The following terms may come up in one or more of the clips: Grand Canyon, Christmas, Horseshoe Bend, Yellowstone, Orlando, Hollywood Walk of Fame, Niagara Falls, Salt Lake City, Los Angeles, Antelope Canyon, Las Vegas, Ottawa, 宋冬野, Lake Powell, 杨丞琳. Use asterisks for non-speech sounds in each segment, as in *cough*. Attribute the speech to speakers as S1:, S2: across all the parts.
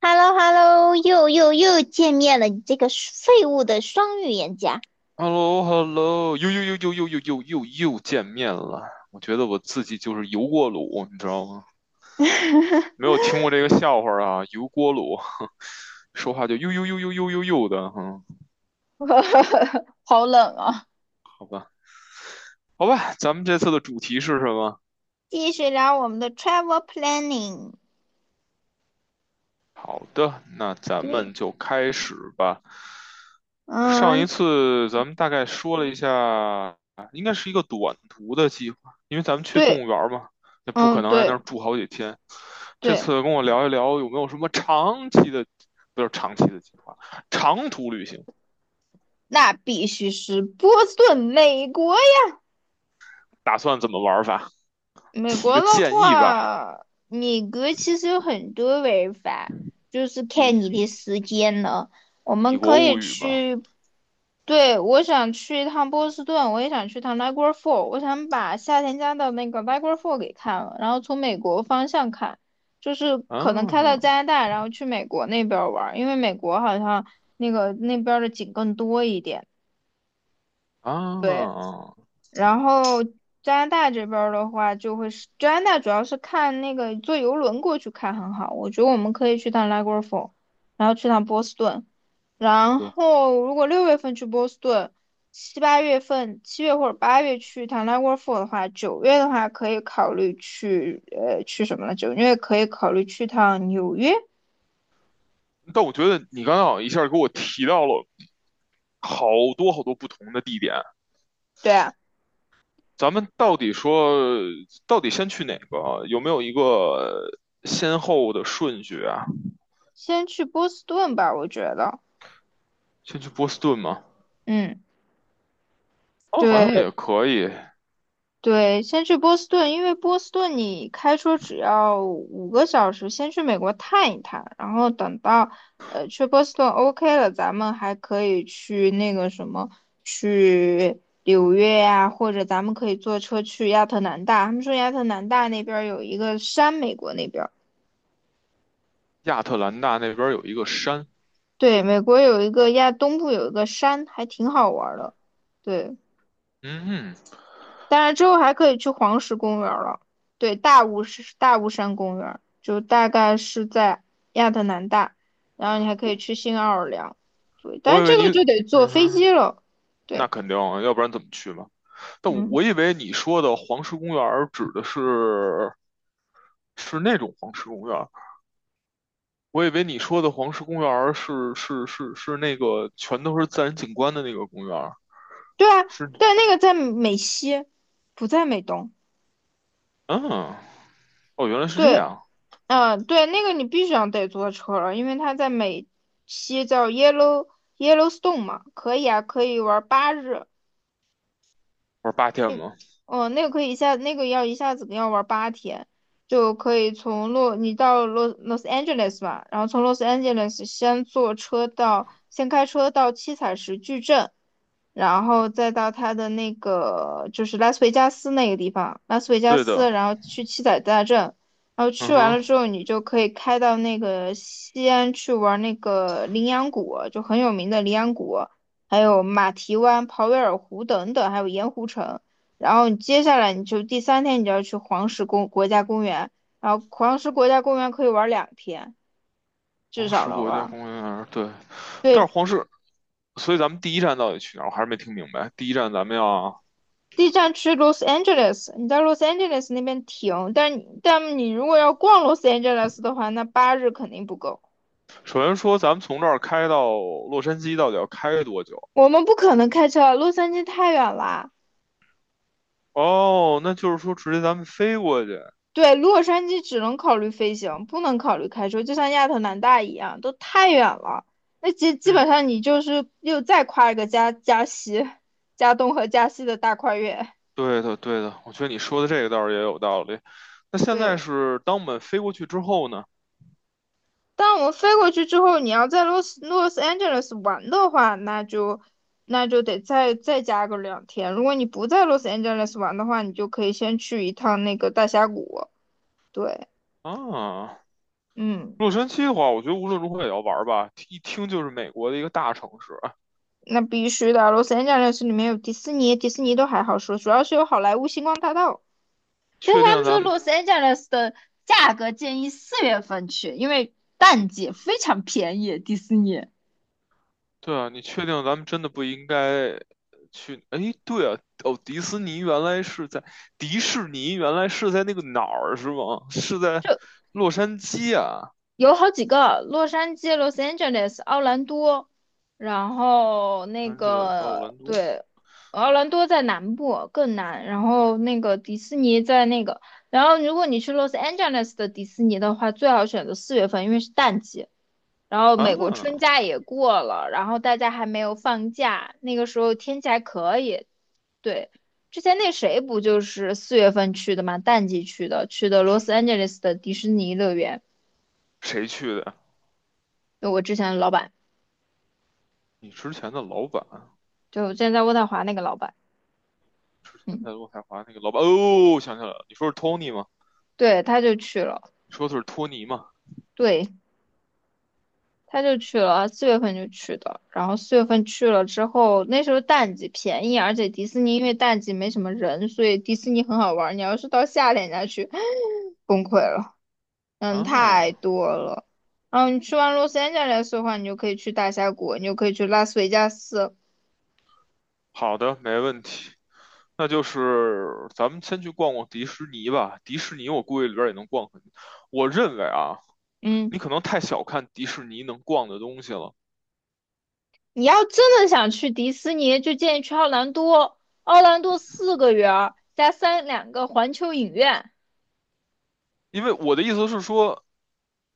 S1: h e l l o h e l l o 又又又见面了，你这个废物的双语言家。
S2: h e l l o h e l l o 又又又又又又又又又见面了。我觉得我自己就是油锅炉，你知道吗？
S1: *laughs*
S2: 没有听过这个笑话啊，油锅炉，*laughs* 说话就又又又又又又又的，哼、
S1: 好冷啊！
S2: 好吧，咱们这次的主题是什么？
S1: 继续聊我们的 travel planning。
S2: 好的，那咱
S1: 对。
S2: 们就开始吧。上
S1: 嗯。
S2: 一次咱们大概说了一下，应该是一个短途的计划，因为咱们去动
S1: 对。
S2: 物园儿嘛，那不可
S1: 嗯。
S2: 能在那
S1: 对。
S2: 儿住好几天。这
S1: 对，
S2: 次跟我聊一聊，有没有什么长期的，不是长期的计划，长途旅行，
S1: 那必须是波士顿。美国
S2: 打算怎么玩儿法？
S1: 美
S2: 提
S1: 国
S2: 个
S1: 的
S2: 建议吧。
S1: 话，米格其实有很多玩法，就是
S2: 米
S1: 看你的时间了。我们
S2: 米
S1: 可
S2: 国
S1: 以
S2: 物语嘛，
S1: 去，对，我想去一趟波士顿。我也想去趟 Niagara Falls，我想把夏天家的那个 Niagara Falls 给看了，然后从美国方向看，就是可能开到
S2: 啊
S1: 加拿大，然后去美国那边玩儿，因为美国好像那个那边儿的景更多一点。
S2: 啊，
S1: 对。然后加拿大这边儿的话，就会是加拿大主要是看那个坐游轮过去看很好。我觉得我们可以去趟拉格佛，然后去趟波士顿。
S2: 是
S1: 然
S2: 的。
S1: 后如果六月份去波士顿，七八月份7月或者八月去趟拉格佛的话，九月的话可以考虑去什么呢？九月可以考虑去趟纽约。
S2: 但我觉得你刚刚好像一下给我提到了好多好多不同的地点。
S1: 对啊，
S2: 咱们到底说，到底先去哪个啊有没有一个先后的顺序啊？
S1: 先去波士顿吧，我觉得。
S2: 先去波士顿吗？
S1: 嗯，
S2: 哦，好像
S1: 对。
S2: 也可以。
S1: 对，先去波斯顿，因为波斯顿你开车只要5个小时，先去美国探一探，然后等到去波斯顿 OK 了，咱们还可以去那个什么，去纽约呀、或者咱们可以坐车去亚特兰大。他们说亚特兰大那边儿有一个山，美国那边儿，
S2: 亚特兰大那边有一个山，
S1: 对。美国有一个亚东部有一个山，还挺好玩儿的。对，
S2: 嗯，
S1: 当然之后还可以去黄石公园了。对，大雾是大雾山公园，就大概是在亚特兰大。然后你还可以
S2: 我
S1: 去新奥尔良。对，但
S2: 我
S1: 是
S2: 以为
S1: 这
S2: 你，
S1: 个就得坐
S2: 嗯
S1: 飞
S2: 哼，
S1: 机了。
S2: 那
S1: 对。
S2: 肯定啊，要不然怎么去嘛？但我
S1: 嗯。
S2: 我以为你说的黄石公园儿指的是是那种黄石公园儿我以为你说的黄石公园儿是那个全都是自然景观的那个公园儿
S1: 对啊，
S2: 是
S1: 但那个在美西，不在美东。
S2: 嗯，哦，原来是这
S1: 对。
S2: 样，
S1: 嗯，对，那个你必须要得坐车了，因为它在美西叫 Yellowstone 嘛，可以啊，可以玩八日。
S2: 玩8天
S1: 那，
S2: 吗？
S1: 哦，那个可以一下，那个要一下子要玩八天，就可以你到Los Angeles 吧。然后从 Los Angeles 先开车到七彩石矩阵，然后再到它的那个就是拉斯维加斯那个地方，拉斯维加
S2: 对的，
S1: 斯，然后去七彩大镇。然后去
S2: 嗯
S1: 完
S2: 哼，
S1: 了之后，你就可以开到那个西安去玩那个羚羊谷，就很有名的羚羊谷，还有马蹄湾、鲍威尔湖等等，还有盐湖城。然后你接下来你就第3天你就要去黄石国家公园，然后黄石国家公园可以玩两天，至
S2: 黄
S1: 少
S2: 石
S1: 能
S2: 国家
S1: 玩。
S2: 公园，对，
S1: 对，
S2: 但是黄石，所以咱们第一站到底去哪儿？我还是没听明白。第一站咱们要，
S1: 第一站去 Los Angeles，你在 Los Angeles 那边停，但你如果要逛 Los Angeles 的话，那8日肯定不够。
S2: 首先说咱们从这儿开到洛杉矶到底要开多久？
S1: 我们不可能开车啊，洛杉矶太远啦。
S2: 哦，那就是说直接咱们飞过去。
S1: 对，洛杉矶只能考虑飞行，不能考虑开车，就像亚特兰大一样，都太远了。那基基
S2: 嗯，
S1: 本上你就是又再跨一个加东和加西的大跨越。
S2: 对的，对的，我觉得你说的这个倒是也有道理。那现在
S1: 对，
S2: 是当我们飞过去之后呢？
S1: 但我们飞过去之后，你要在洛斯 Angeles 玩的话，那就得再加个两天。如果你不在洛斯 Angeles 玩的话，你就可以先去一趟那个大峡谷。对。
S2: 啊，
S1: 嗯。
S2: 洛杉矶的话，我觉得无论如何也要玩儿吧，一听就是美国的一个大城市。
S1: 那必须的，洛杉矶里面有迪士尼，迪士尼都还好说，主要是有好莱坞星光大道。但是
S2: 确
S1: 他
S2: 定
S1: 们说
S2: 咱们，
S1: 洛杉矶的价格建议四月份去，因为淡季非常便宜。迪士尼
S2: 对啊，你确定咱们真的不应该去？哎，对啊，哦，迪士尼原来是在那个哪儿是吗？是在洛杉矶啊，
S1: 有好几个，洛杉矶、Los Angeles、奥兰多，然后那
S2: 安吉拉奥
S1: 个，
S2: 兰多
S1: 对。奥兰多在南部更南，然后那个迪士尼在那个，然后如果你去 Los Angeles 的迪士尼的话，最好选择四月份，因为是淡季。然后美国春
S2: 啊，
S1: 假也过了，然后大家还没有放假，那个时候天气还可以。对，之前那谁不就是四月份去的嘛，淡季去的，去的 Los Angeles 的迪士尼乐园，
S2: 谁去的？
S1: 就我之前的老板，
S2: 你之前的老板，
S1: 就现之前在渥太华那个老板。
S2: 之前
S1: 嗯，
S2: 在洛太华那个老板，哦，想起来了，你说是托尼吗？
S1: 对，他就去了。
S2: 你说的是托尼吗？
S1: 对，他就去了，四月份就去的。然后四月份去了之后，那时候淡季便宜，而且迪士尼因为淡季没什么人，所以迪士尼很好玩。你要是到夏天再去，*laughs* *sucks teeth* 崩溃了。嗯，太
S2: 啊，
S1: 多了。嗯，你去完洛杉矶斯的话，你就可以去大峡谷，你就可以去拉斯维加斯。
S2: 好的，没问题。那就是咱们先去逛逛迪士尼吧，迪士尼我估计里边也能逛很我认为啊，你
S1: 嗯，
S2: 可能太小看迪士尼能逛的东西了。
S1: 你要真的想去迪士尼，就建议去奥兰多。奥兰多四个园儿加三两个环球影院。
S2: 因为我的意思是说，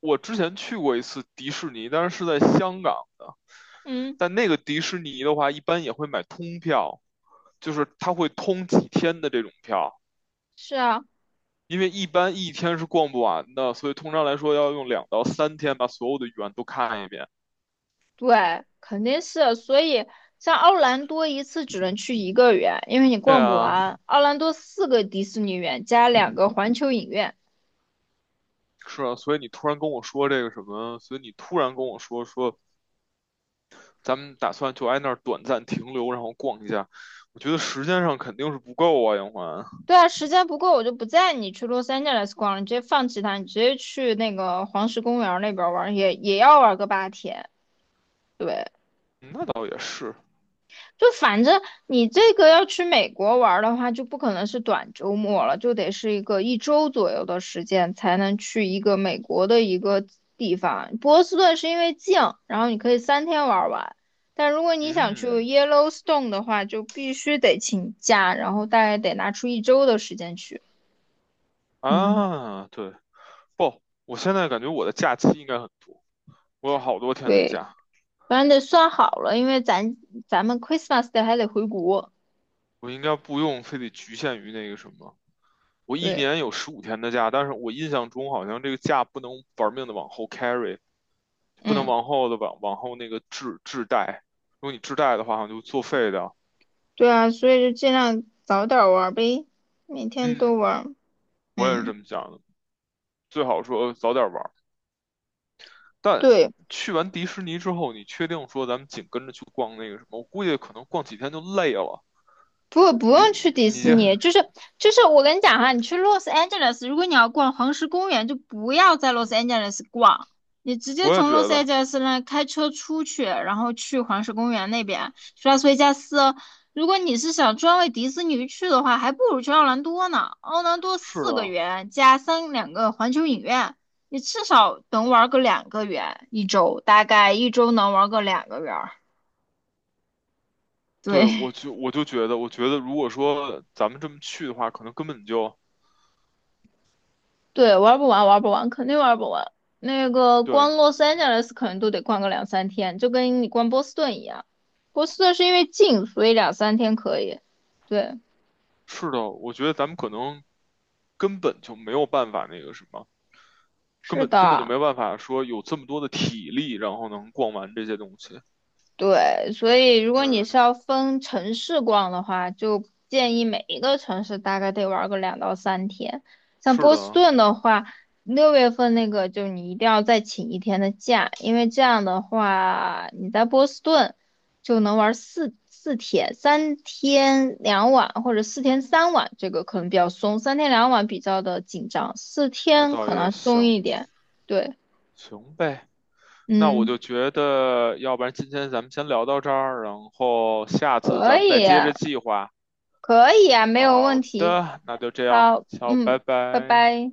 S2: 我之前去过一次迪士尼，但是是在香港的。
S1: 嗯。
S2: 但那个迪士尼的话，一般也会买通票，就是它会通几天的这种票，
S1: 是啊。
S2: 因为一般一天是逛不完的，所以通常来说要用2到3天把所有的园都看一遍。
S1: 对，肯定是。所以像奥兰多一次只能去一个园，因为你
S2: 对
S1: 逛不
S2: 啊，
S1: 完。奥兰多四个迪士尼园加两个环球影院。
S2: 是啊，所以你突然跟我说这个什么，所以你突然跟我说说咱们打算就挨那儿短暂停留，然后逛一下。我觉得时间上肯定是不够啊，杨环。
S1: 对啊，时间不够，我就不带你去洛杉矶来逛了，你直接放弃它，你直接去那个黄石公园儿那边儿玩儿也要玩个八天。对，
S2: 那倒也是，
S1: 就反正你这个要去美国玩儿的话，就不可能是短周末了，就得是一个一周左右的时间才能去一个美国的一个地方。波士顿是因为近，然后你可以三天玩儿完。但如果你想去
S2: 嗯
S1: Yellowstone 的话，就必须得请假，然后大概得拿出一周的时间去。嗯，
S2: 啊，对，不，我现在感觉我的假期应该很多，我有好多天的
S1: 对。
S2: 假，
S1: 反正得算好了，因为咱们 Christmas d 还得回国。
S2: 我应该不用非得局限于那个什么。我一
S1: 对。
S2: 年有15天的假，但是我印象中好像这个假不能玩命的往后 carry，不能
S1: 嗯。
S2: 往后那个滞带。如果你滞带的话，好像就作废的。
S1: 对啊，所以就尽量早点玩儿呗，每天
S2: 嗯，
S1: 都玩儿。
S2: 我也是这
S1: 嗯，
S2: 么想的。最好说早点玩，但
S1: 对。
S2: 去完迪士尼之后，你确定说咱们紧跟着去逛那个什么？我估计可能逛几天就累了。
S1: 不，不用去迪
S2: 你
S1: 士
S2: 这
S1: 尼，就是我跟你讲哈，你去 Los Angeles，如果你要逛黄石公园，就不要在 Los Angeles 逛。你直接
S2: 我也
S1: 从
S2: 觉
S1: Los
S2: 得
S1: Angeles 那开车出去，然后去黄石公园那边，去拉斯维加斯。如果你是想专为迪士尼去的话，还不如去奥兰多呢。奥兰多
S2: 是
S1: 四个
S2: 的。
S1: 园加三两个环球影院，你至少能玩个两个园一周，大概一周能玩个两个园儿。对。
S2: 对，我就觉得，我觉得如果说咱们这么去的话，可能根本就
S1: 对，玩不完，玩不完，肯定玩不完。那个
S2: 对，
S1: 光洛杉矶来斯可能都得逛个两三天，就跟你逛波士顿一样。波士顿是因为近，所以两三天可以。对，
S2: 是的，我觉得咱们可能根本就没有办法那个什么，根
S1: 是
S2: 本根本就没
S1: 的。
S2: 有办法说有这么多的体力，然后能逛完这些东西。
S1: 对，所以如果你
S2: 嗯，
S1: 是要分城市逛的话，就建议每一个城市大概得玩个2到3天。像
S2: 是
S1: 波士
S2: 的，
S1: 顿的话，六月份那个就你一定要再请一天的假，因为这样的话你在波士顿就能玩四天，三天两晚或者4天3晚，这个可能比较松，三天两晚比较的紧张，四
S2: 那
S1: 天
S2: 倒
S1: 可
S2: 也
S1: 能松
S2: 行，
S1: 一点。对。
S2: 行呗。那我
S1: 嗯，
S2: 就觉得，要不然今天咱们先聊到这儿，然后下次
S1: 可
S2: 咱们再
S1: 以。
S2: 接着计划。
S1: 可以啊，没有问
S2: 好
S1: 题。
S2: 的，那就这样，
S1: 好。
S2: 好，拜
S1: 嗯，拜
S2: 拜。
S1: 拜。